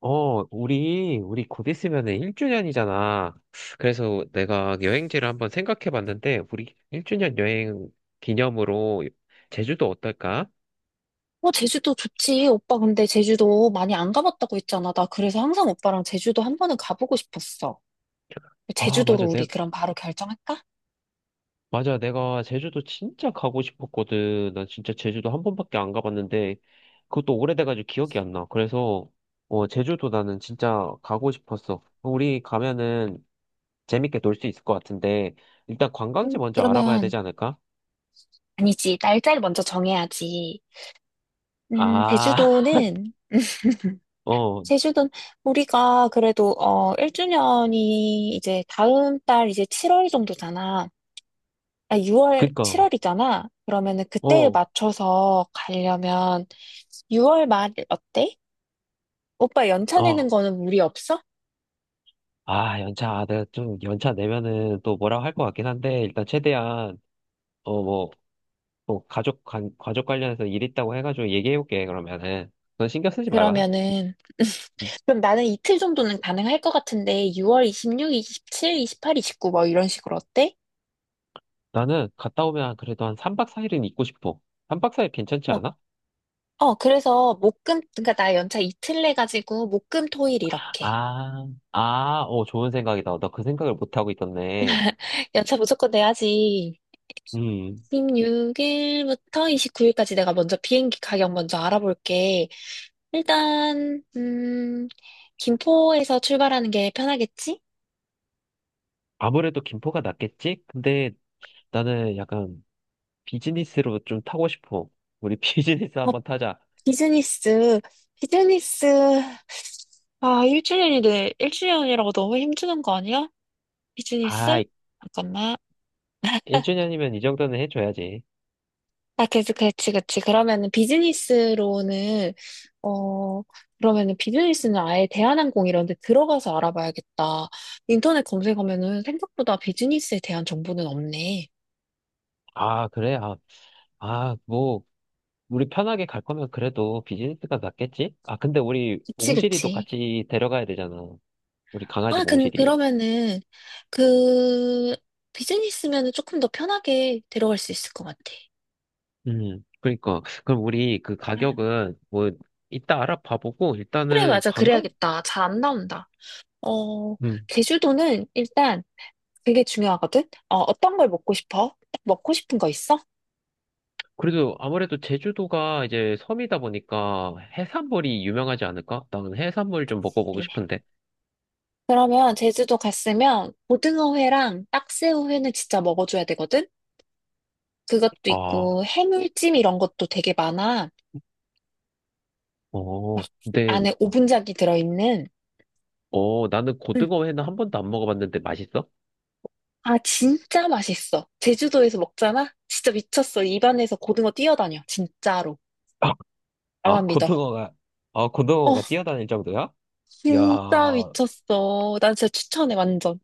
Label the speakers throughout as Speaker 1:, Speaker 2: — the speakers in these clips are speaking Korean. Speaker 1: 우리 곧 있으면은 1주년이잖아. 그래서 내가 여행지를 한번 생각해 봤는데, 우리 1주년 여행 기념으로 제주도 어떨까?
Speaker 2: 어, 제주도 좋지. 오빠 근데 제주도 많이 안 가봤다고 했잖아. 나 그래서 항상 오빠랑 제주도 한 번은 가보고 싶었어.
Speaker 1: 아,
Speaker 2: 제주도로
Speaker 1: 맞아.
Speaker 2: 우리 그럼 바로 결정할까?
Speaker 1: 맞아. 내가 제주도 진짜 가고 싶었거든. 난 진짜 제주도 한 번밖에 안 가봤는데, 그것도 오래돼가지고 기억이 안 나. 그래서, 제주도 나는 진짜 가고 싶었어. 우리 가면은 재밌게 놀 수 있을 것 같은데, 일단 관광지 먼저 알아봐야
Speaker 2: 그러면
Speaker 1: 되지 않을까?
Speaker 2: 아니지. 날짜를 먼저 정해야지. 음,
Speaker 1: 아,
Speaker 2: 제주도는
Speaker 1: 어.
Speaker 2: 제주도는 우리가 그래도 1주년이 이제 다음 달 이제 7월 정도잖아. 6월
Speaker 1: 그니까,
Speaker 2: 7월이잖아. 그러면은 그때에
Speaker 1: 어,
Speaker 2: 맞춰서 가려면 6월 말 어때? 오빠 연차 내는
Speaker 1: 어,
Speaker 2: 거는 무리 없어?
Speaker 1: 아, 내가 좀 연차 내면은 또 뭐라고 할 것 같긴 한데, 일단 최대한, 뭐, 뭐, 가족 관련해서 일 있다고 해가지고 얘기해볼게, 그러면은. 넌 신경 쓰지 말아.
Speaker 2: 그러면은 그럼 나는 이틀 정도는 가능할 것 같은데 6월 26, 27, 28, 29 뭐 이런 식으로 어때?
Speaker 1: 나는 갔다 오면 그래도 한 3박 4일은 있고 싶어. 3박 4일 괜찮지
Speaker 2: 뭐,
Speaker 1: 않아?
Speaker 2: 그래서 목금 그러니까 나 연차 이틀 내 가지고 목금 토일 이렇게
Speaker 1: 아, 좋은 생각이다. 나 그 생각을 못하고 있었네.
Speaker 2: 연차 무조건 내야지.
Speaker 1: 음,
Speaker 2: 2 6일부터 29일까지 내가 먼저 비행기 가격 먼저 알아볼게. 일단 김포에서 출발하는 게 편하겠지?
Speaker 1: 아무래도 김포가 낫겠지? 근데 나는 약간 비즈니스로 좀 타고 싶어. 우리 비즈니스 한번 타자.
Speaker 2: 비즈니스, 비즈니스, 아, 1주년이래 1주년이라고 너무 힘주는 거 아니야?
Speaker 1: 아,
Speaker 2: 비즈니스? 잠깐만.
Speaker 1: 1주년이면 이 정도는 해줘야지.
Speaker 2: 아, 그치, 그렇지 그렇지 그러면은 비즈니스로는, 어, 그러면은 비즈니스는 아예 대한항공 이런 데 들어가서 알아봐야겠다. 인터넷 검색하면은 생각보다 비즈니스에 대한 정보는 없네.
Speaker 1: 아, 그래? 뭐, 우리 편하게 갈 거면 그래도 비즈니스가 낫겠지? 아, 근데 우리
Speaker 2: 그치,
Speaker 1: 몽실이도
Speaker 2: 그치.
Speaker 1: 같이 데려가야 되잖아. 우리 강아지 몽실이.
Speaker 2: 그러면은, 그, 비즈니스면은 조금 더 편하게 데려갈 수 있을 것 같아.
Speaker 1: 그러니까. 그럼 우리 그 가격은 뭐, 이따 알아봐보고,
Speaker 2: 그래,
Speaker 1: 일단은
Speaker 2: 맞아.
Speaker 1: 관광?
Speaker 2: 그래야겠다. 잘 안 나온다. 어,
Speaker 1: 음.
Speaker 2: 제주도는 일단 그게 중요하거든? 어떤 걸 먹고 싶어? 딱 먹고 싶은 거 있어?
Speaker 1: 그래도 아무래도 제주도가 이제 섬이다 보니까 해산물이 유명하지 않을까? 나는 해산물 좀 먹어보고
Speaker 2: 네.
Speaker 1: 싶은데.
Speaker 2: 그러면 제주도 갔으면 고등어회랑 딱새우회는 진짜 먹어줘야 되거든? 그것도
Speaker 1: 아,
Speaker 2: 있고 해물찜 이런 것도 되게 많아. 막
Speaker 1: 근데,
Speaker 2: 안에 오분작이 들어있는.
Speaker 1: 나는
Speaker 2: 응.
Speaker 1: 고등어 회는 한 번도 안 먹어봤는데 맛있어?
Speaker 2: 아, 진짜 맛있어. 제주도에서 먹잖아? 진짜 미쳤어. 입안에서 고등어 뛰어다녀. 진짜로.
Speaker 1: 아, 아,
Speaker 2: 나만 믿어.
Speaker 1: 고등어가,
Speaker 2: 어,
Speaker 1: 고등어가 뛰어다닐 정도야? 이야,
Speaker 2: 진짜
Speaker 1: 야,
Speaker 2: 미쳤어. 난 진짜 추천해, 완전.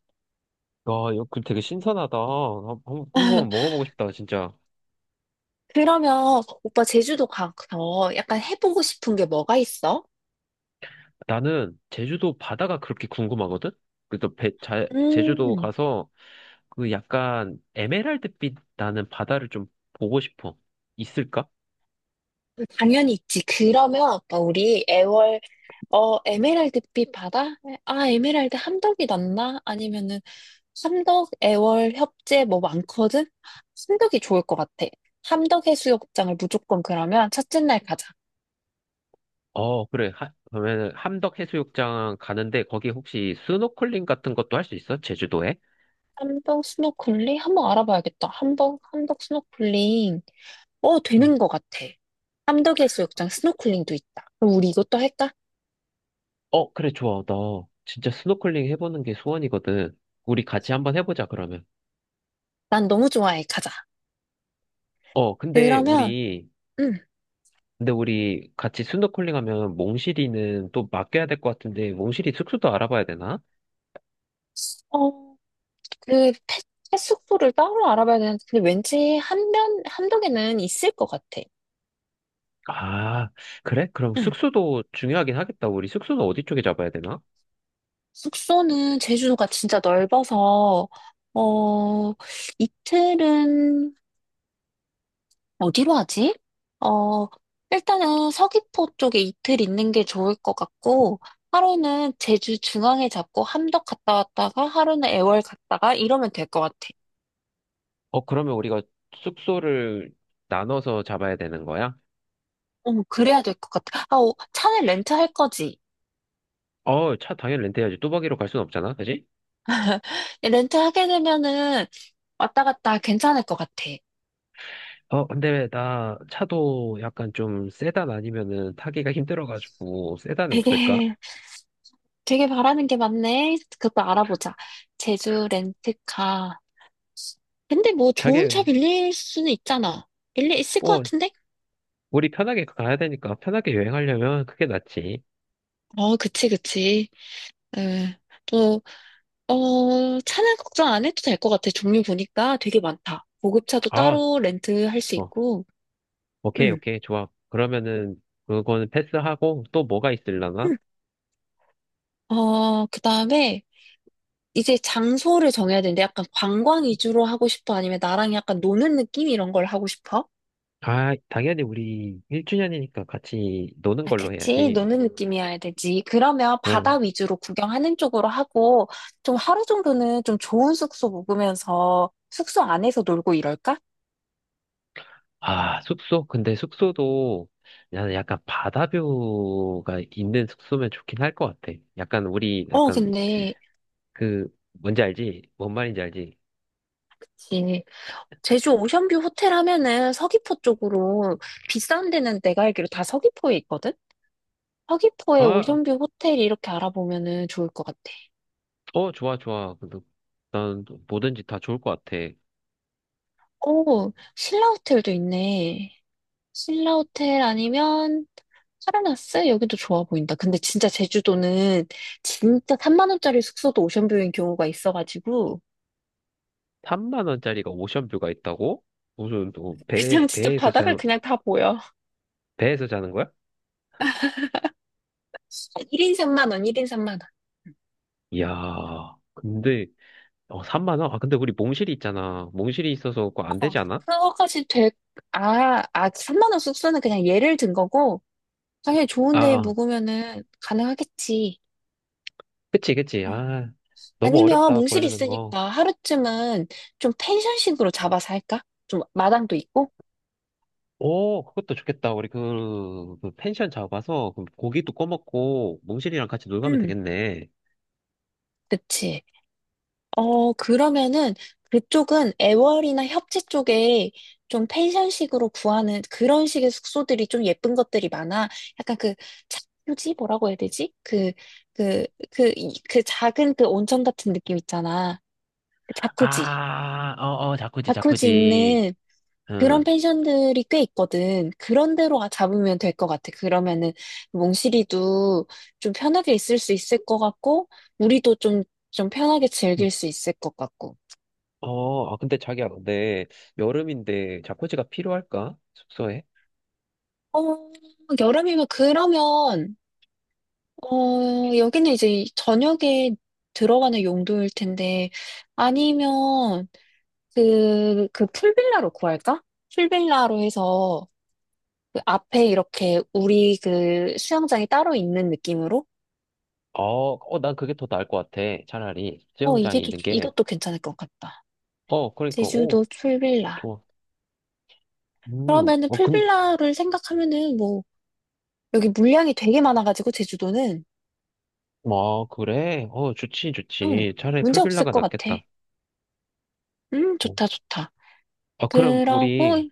Speaker 1: 이거 그 되게 신선하다. 한번 먹어보고 싶다, 진짜.
Speaker 2: 그러면 오빠 제주도 가서 약간 해보고 싶은 게 뭐가 있어?
Speaker 1: 나는 제주도 바다가 그렇게 궁금하거든? 그래서 제주도
Speaker 2: 음,
Speaker 1: 가서 그 약간 에메랄드빛 나는 바다를 좀 보고 싶어. 있을까?
Speaker 2: 당연히 있지. 그러면 오빠 우리 애월 에메랄드빛 바다? 에메랄드 함덕이 낫나? 아니면은 함덕 애월 협재 뭐 많거든? 함덕이 좋을 것 같아. 함덕 해수욕장을 무조건 그러면 첫째 날 가자.
Speaker 1: 어, 그래. 하, 그러면 함덕해수욕장 가는데 거기 혹시 스노클링 같은 것도 할 수 있어? 제주도에?
Speaker 2: 함덕 스노클링 한번 알아봐야겠다. 함덕 스노클링. 되는 것 같아. 함덕해수욕장 스노클링도 있다. 그럼 우리 이것도 할까?
Speaker 1: 어, 그래, 좋아. 나 진짜 스노클링 해보는 게 소원이거든. 우리 같이 한번 해보자, 그러면.
Speaker 2: 난 너무 좋아해. 가자.
Speaker 1: 어,
Speaker 2: 그러면, 응.
Speaker 1: 근데 우리 같이 스노클링 하면 몽실이는 또 맡겨야 될 것 같은데, 몽실이 숙소도 알아봐야 되나?
Speaker 2: 어, 그, 펫, 펫 숙소를 따로 알아봐야 되는데, 근데 왠지 함덕에는 있을 것 같아.
Speaker 1: 아, 그래? 그럼
Speaker 2: 응.
Speaker 1: 숙소도 중요하긴 하겠다. 우리 숙소는 어디 쪽에 잡아야 되나?
Speaker 2: 숙소는 제주도가 진짜 넓어서, 어, 이틀은 어디로 하지? 어, 일단은 서귀포 쪽에 이틀 있는 게 좋을 것 같고, 하루는 제주 중앙에 잡고 함덕 갔다 왔다가, 하루는 애월 갔다가 이러면 될 것 같아.
Speaker 1: 어, 그러면 우리가 숙소를 나눠서 잡아야 되는 거야?
Speaker 2: 응, 그래야 될 것 같아. 차는 렌트할 거지?
Speaker 1: 어, 차 당연히 렌트해야지. 뚜벅이로 갈 순 없잖아, 그지?
Speaker 2: 렌트하게 되면은 왔다 갔다 괜찮을 것 같아.
Speaker 1: 어, 근데 나 차도 약간 좀 세단 아니면은 타기가 힘들어가지고 세단에 없을까?
Speaker 2: 되게, 되게 바라는 게 많네. 그것도 알아보자. 제주 렌트카. 근데 뭐 좋은
Speaker 1: 자기,
Speaker 2: 차 빌릴 수는 있잖아. 빌릴 있을 것
Speaker 1: 어
Speaker 2: 같은데?
Speaker 1: 우리 편하게 가야 되니까 편하게 여행하려면 그게 낫지.
Speaker 2: 그치, 그치. 네. 또, 차는 걱정 안 해도 될 것 같아. 종류 보니까 되게 많다. 고급차도
Speaker 1: 아,
Speaker 2: 따로 렌트할 수
Speaker 1: 좋아.
Speaker 2: 있고,
Speaker 1: 오케이,
Speaker 2: 음.
Speaker 1: 오케이, 좋아. 그러면은 그거는 패스하고 또 뭐가 있을라나?
Speaker 2: 음. 그 다음에 이제 장소를 정해야 되는데 약간 관광 위주로 하고 싶어? 아니면 나랑 약간 노는 느낌 이런 걸 하고 싶어?
Speaker 1: 아, 당연히 우리 1주년이니까 같이 노는
Speaker 2: 아,
Speaker 1: 걸로
Speaker 2: 그치.
Speaker 1: 해야지.
Speaker 2: 노는 느낌이어야 되지. 그러면 바다
Speaker 1: 그럼,
Speaker 2: 위주로 구경하는 쪽으로 하고, 좀 하루 정도는 좀 좋은 숙소 묵으면서 숙소 안에서 놀고 이럴까?
Speaker 1: 아, 숙소? 근데 숙소도 나는 약간 바다뷰가 있는 숙소면 좋긴 할 것 같아. 약간 우리
Speaker 2: 어,
Speaker 1: 약간
Speaker 2: 근데,
Speaker 1: 그 뭔지 알지? 뭔 말인지 알지?
Speaker 2: 그치. 제주 오션뷰 호텔 하면은 서귀포 쪽으로 비싼 데는 내가 알기로 다 서귀포에 있거든? 서귀포에
Speaker 1: 아,
Speaker 2: 오션뷰 호텔 이렇게 알아보면은 좋을 것 같아.
Speaker 1: 좋아, 좋아. 근데 난 뭐든지 다 좋을 것 같아.
Speaker 2: 오, 신라 호텔도 있네. 신라 호텔 아니면 파라나스? 여기도 좋아 보인다. 근데 진짜 제주도는 진짜 3만 원짜리 숙소도 오션뷰인 경우가 있어가지고
Speaker 1: 3만 원짜리가 오션뷰가 있다고? 무슨 배
Speaker 2: 그냥 진짜
Speaker 1: 배에서 자
Speaker 2: 바닥을 그냥 다 보여.
Speaker 1: 배에서 자는 거야?
Speaker 2: 1인 3만 원, 1인 3만 원.
Speaker 1: 이야. 근데 3만 원? 아, 근데 우리 몽실이 있잖아. 몽실이 있어서 그거
Speaker 2: 아,
Speaker 1: 안 되지 않아?
Speaker 2: 그거까지 될, 아, 아, 3만 원 숙소는 그냥 예를 든 거고, 당연히
Speaker 1: 아,
Speaker 2: 좋은 데
Speaker 1: 아.
Speaker 2: 묵으면은 가능하겠지.
Speaker 1: 그치, 그치.
Speaker 2: 아,
Speaker 1: 아, 너무
Speaker 2: 아니면
Speaker 1: 어렵다 걸
Speaker 2: 몽실이
Speaker 1: 리는 거.
Speaker 2: 있으니까 하루쯤은 좀 펜션식으로 잡아서 할까? 좀 마당도 있고?
Speaker 1: 오, 그것도 좋겠다. 우리 그 펜션 잡아서 그 고기도 꺼먹고 몽실이랑 같이 놀 가면
Speaker 2: 응,
Speaker 1: 되겠네.
Speaker 2: 그치. 그러면은 그쪽은 애월이나 협재 쪽에 좀 펜션식으로 구하는 그런 식의 숙소들이 좀 예쁜 것들이 많아. 약간 그 자유지 뭐라고 해야 되지? 그, 그 작은 그 온천 같은 느낌 있잖아. 그 자쿠지.
Speaker 1: 아, 자쿠지,
Speaker 2: 자쿠지
Speaker 1: 자쿠지.
Speaker 2: 있는 그런
Speaker 1: 응.
Speaker 2: 펜션들이 꽤 있거든. 그런 데로 잡으면 될 것 같아. 그러면은 몽실이도 좀 편하게 있을 수 있을 것 같고, 우리도 좀 편하게 즐길 수 있을 것 같고.
Speaker 1: 아, 근데 자기야, 근데 여름인데 자쿠지가 필요할까? 숙소에?
Speaker 2: 어, 여름이면 그러면 여기는 이제 저녁에 들어가는 용도일 텐데 아니면 그 풀빌라로 구할까? 풀빌라로 해서 그 앞에 이렇게 우리 그 수영장이 따로 있는 느낌으로
Speaker 1: 어, 어, 난 그게 더 나을 것 같아. 차라리 수영장이 있는 게.
Speaker 2: 이것도 괜찮을 것 같다.
Speaker 1: 어, 그러니까, 오,
Speaker 2: 제주도 풀빌라.
Speaker 1: 좋아. 음,
Speaker 2: 그러면은
Speaker 1: 어, 근,
Speaker 2: 풀빌라를 생각하면은 뭐 여기 물량이 되게 많아가지고 제주도는
Speaker 1: 뭐, 그래? 어, 좋지,
Speaker 2: 응,
Speaker 1: 좋지. 차라리
Speaker 2: 문제 없을
Speaker 1: 풀빌라가
Speaker 2: 것 같아.
Speaker 1: 낫겠다. 어,
Speaker 2: 좋다, 좋다.
Speaker 1: 그럼 우리,
Speaker 2: 그러고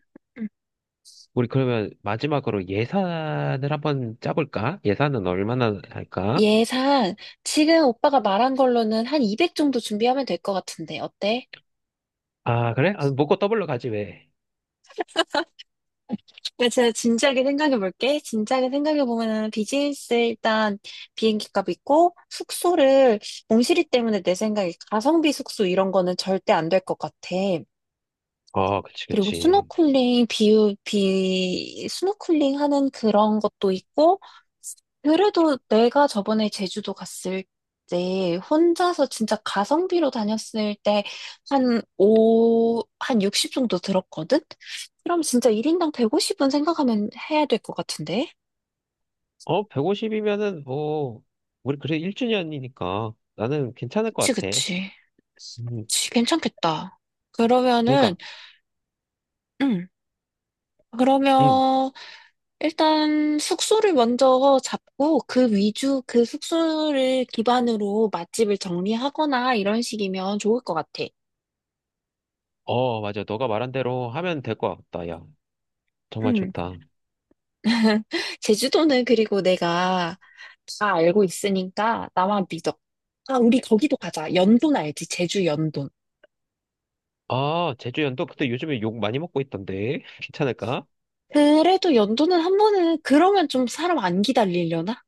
Speaker 1: 우리 그러면 마지막으로 예산을 한번 짜볼까? 예산은 얼마나 할까?
Speaker 2: 예산 지금 오빠가 말한 걸로는 한 200 정도 준비하면 될 것 같은데 어때?
Speaker 1: 아, 그래? 아, 먹고 더블로 가지, 왜?
Speaker 2: 나 진짜 진지하게 생각해 볼게. 진지하게 생각해 보면은 비즈니스 일단 비행기 값 있고 숙소를 몽실이 때문에 내 생각에 가성비 숙소 이런 거는 절대 안 될 것 같아.
Speaker 1: 어, 그치,
Speaker 2: 그리고
Speaker 1: 그치.
Speaker 2: 스노클링 비유 비 스노클링 하는 그런 것도 있고 그래도 내가 저번에 제주도 갔을 때 혼자서 진짜 가성비로 다녔을 때 한 오한60 정도 들었거든? 그럼 진짜 1인당 150은 생각하면 해야 될 것 같은데?
Speaker 1: 어, 150이면은 뭐, 우리 그래 1주년이니까 나는 괜찮을 것
Speaker 2: 그치,
Speaker 1: 같아.
Speaker 2: 그치.
Speaker 1: 음,
Speaker 2: 그치, 괜찮겠다. 그러면은,
Speaker 1: 그러니까,
Speaker 2: 음,
Speaker 1: 음,
Speaker 2: 그러면 일단 숙소를 먼저 잡고 그 위주, 그 숙소를 기반으로 맛집을 정리하거나 이런 식이면 좋을 것 같아.
Speaker 1: 맞아. 너가 말한 대로 하면 될 것 같다. 야, 정말
Speaker 2: 음.
Speaker 1: 좋다.
Speaker 2: 제주도는 그리고 내가 다 알고 있으니까 나만 믿어. 아, 우리 거기도 가자. 연돈 알지? 제주 연돈.
Speaker 1: 아, 제주연도? 근데 요즘에 욕 많이 먹고 있던데. 괜찮을까?
Speaker 2: 그래도 연돈은 한 번은 그러면 좀 사람 안 기다리려나?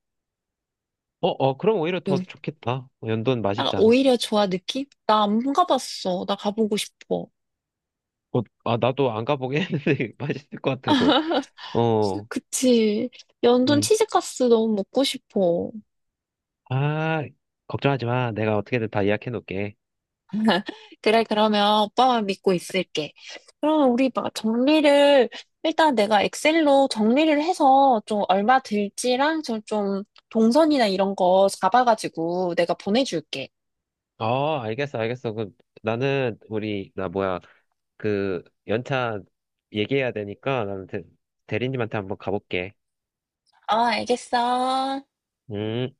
Speaker 1: 어, 어, 그럼 오히려 더
Speaker 2: 요-
Speaker 1: 좋겠다. 연도는
Speaker 2: 아,
Speaker 1: 맛있잖아.
Speaker 2: 오히려 좋아 느낌? 나 안 가봤어. 나 가보고 싶어.
Speaker 1: 아, 나도 안 가보긴 했는데 맛있을 것 같아서. 어.
Speaker 2: 그치. 연돈
Speaker 1: 음.
Speaker 2: 치즈가스 너무 먹고 싶어.
Speaker 1: 아, 걱정하지 마. 내가 어떻게든 다 예약해 놓을게.
Speaker 2: 그래, 그러면 오빠만 믿고 있을게. 그럼 우리 막 정리를, 일단 내가 엑셀로 정리를 해서 좀 얼마 들지랑 좀 동선이나 이런 거 잡아가지고 내가 보내줄게.
Speaker 1: 어, 알겠어, 알겠어. 그, 나 뭐야, 그, 연차 얘기해야 되니까, 나는 대, 대리님한테 한번 가볼게.
Speaker 2: 아 알겠어.
Speaker 1: 음.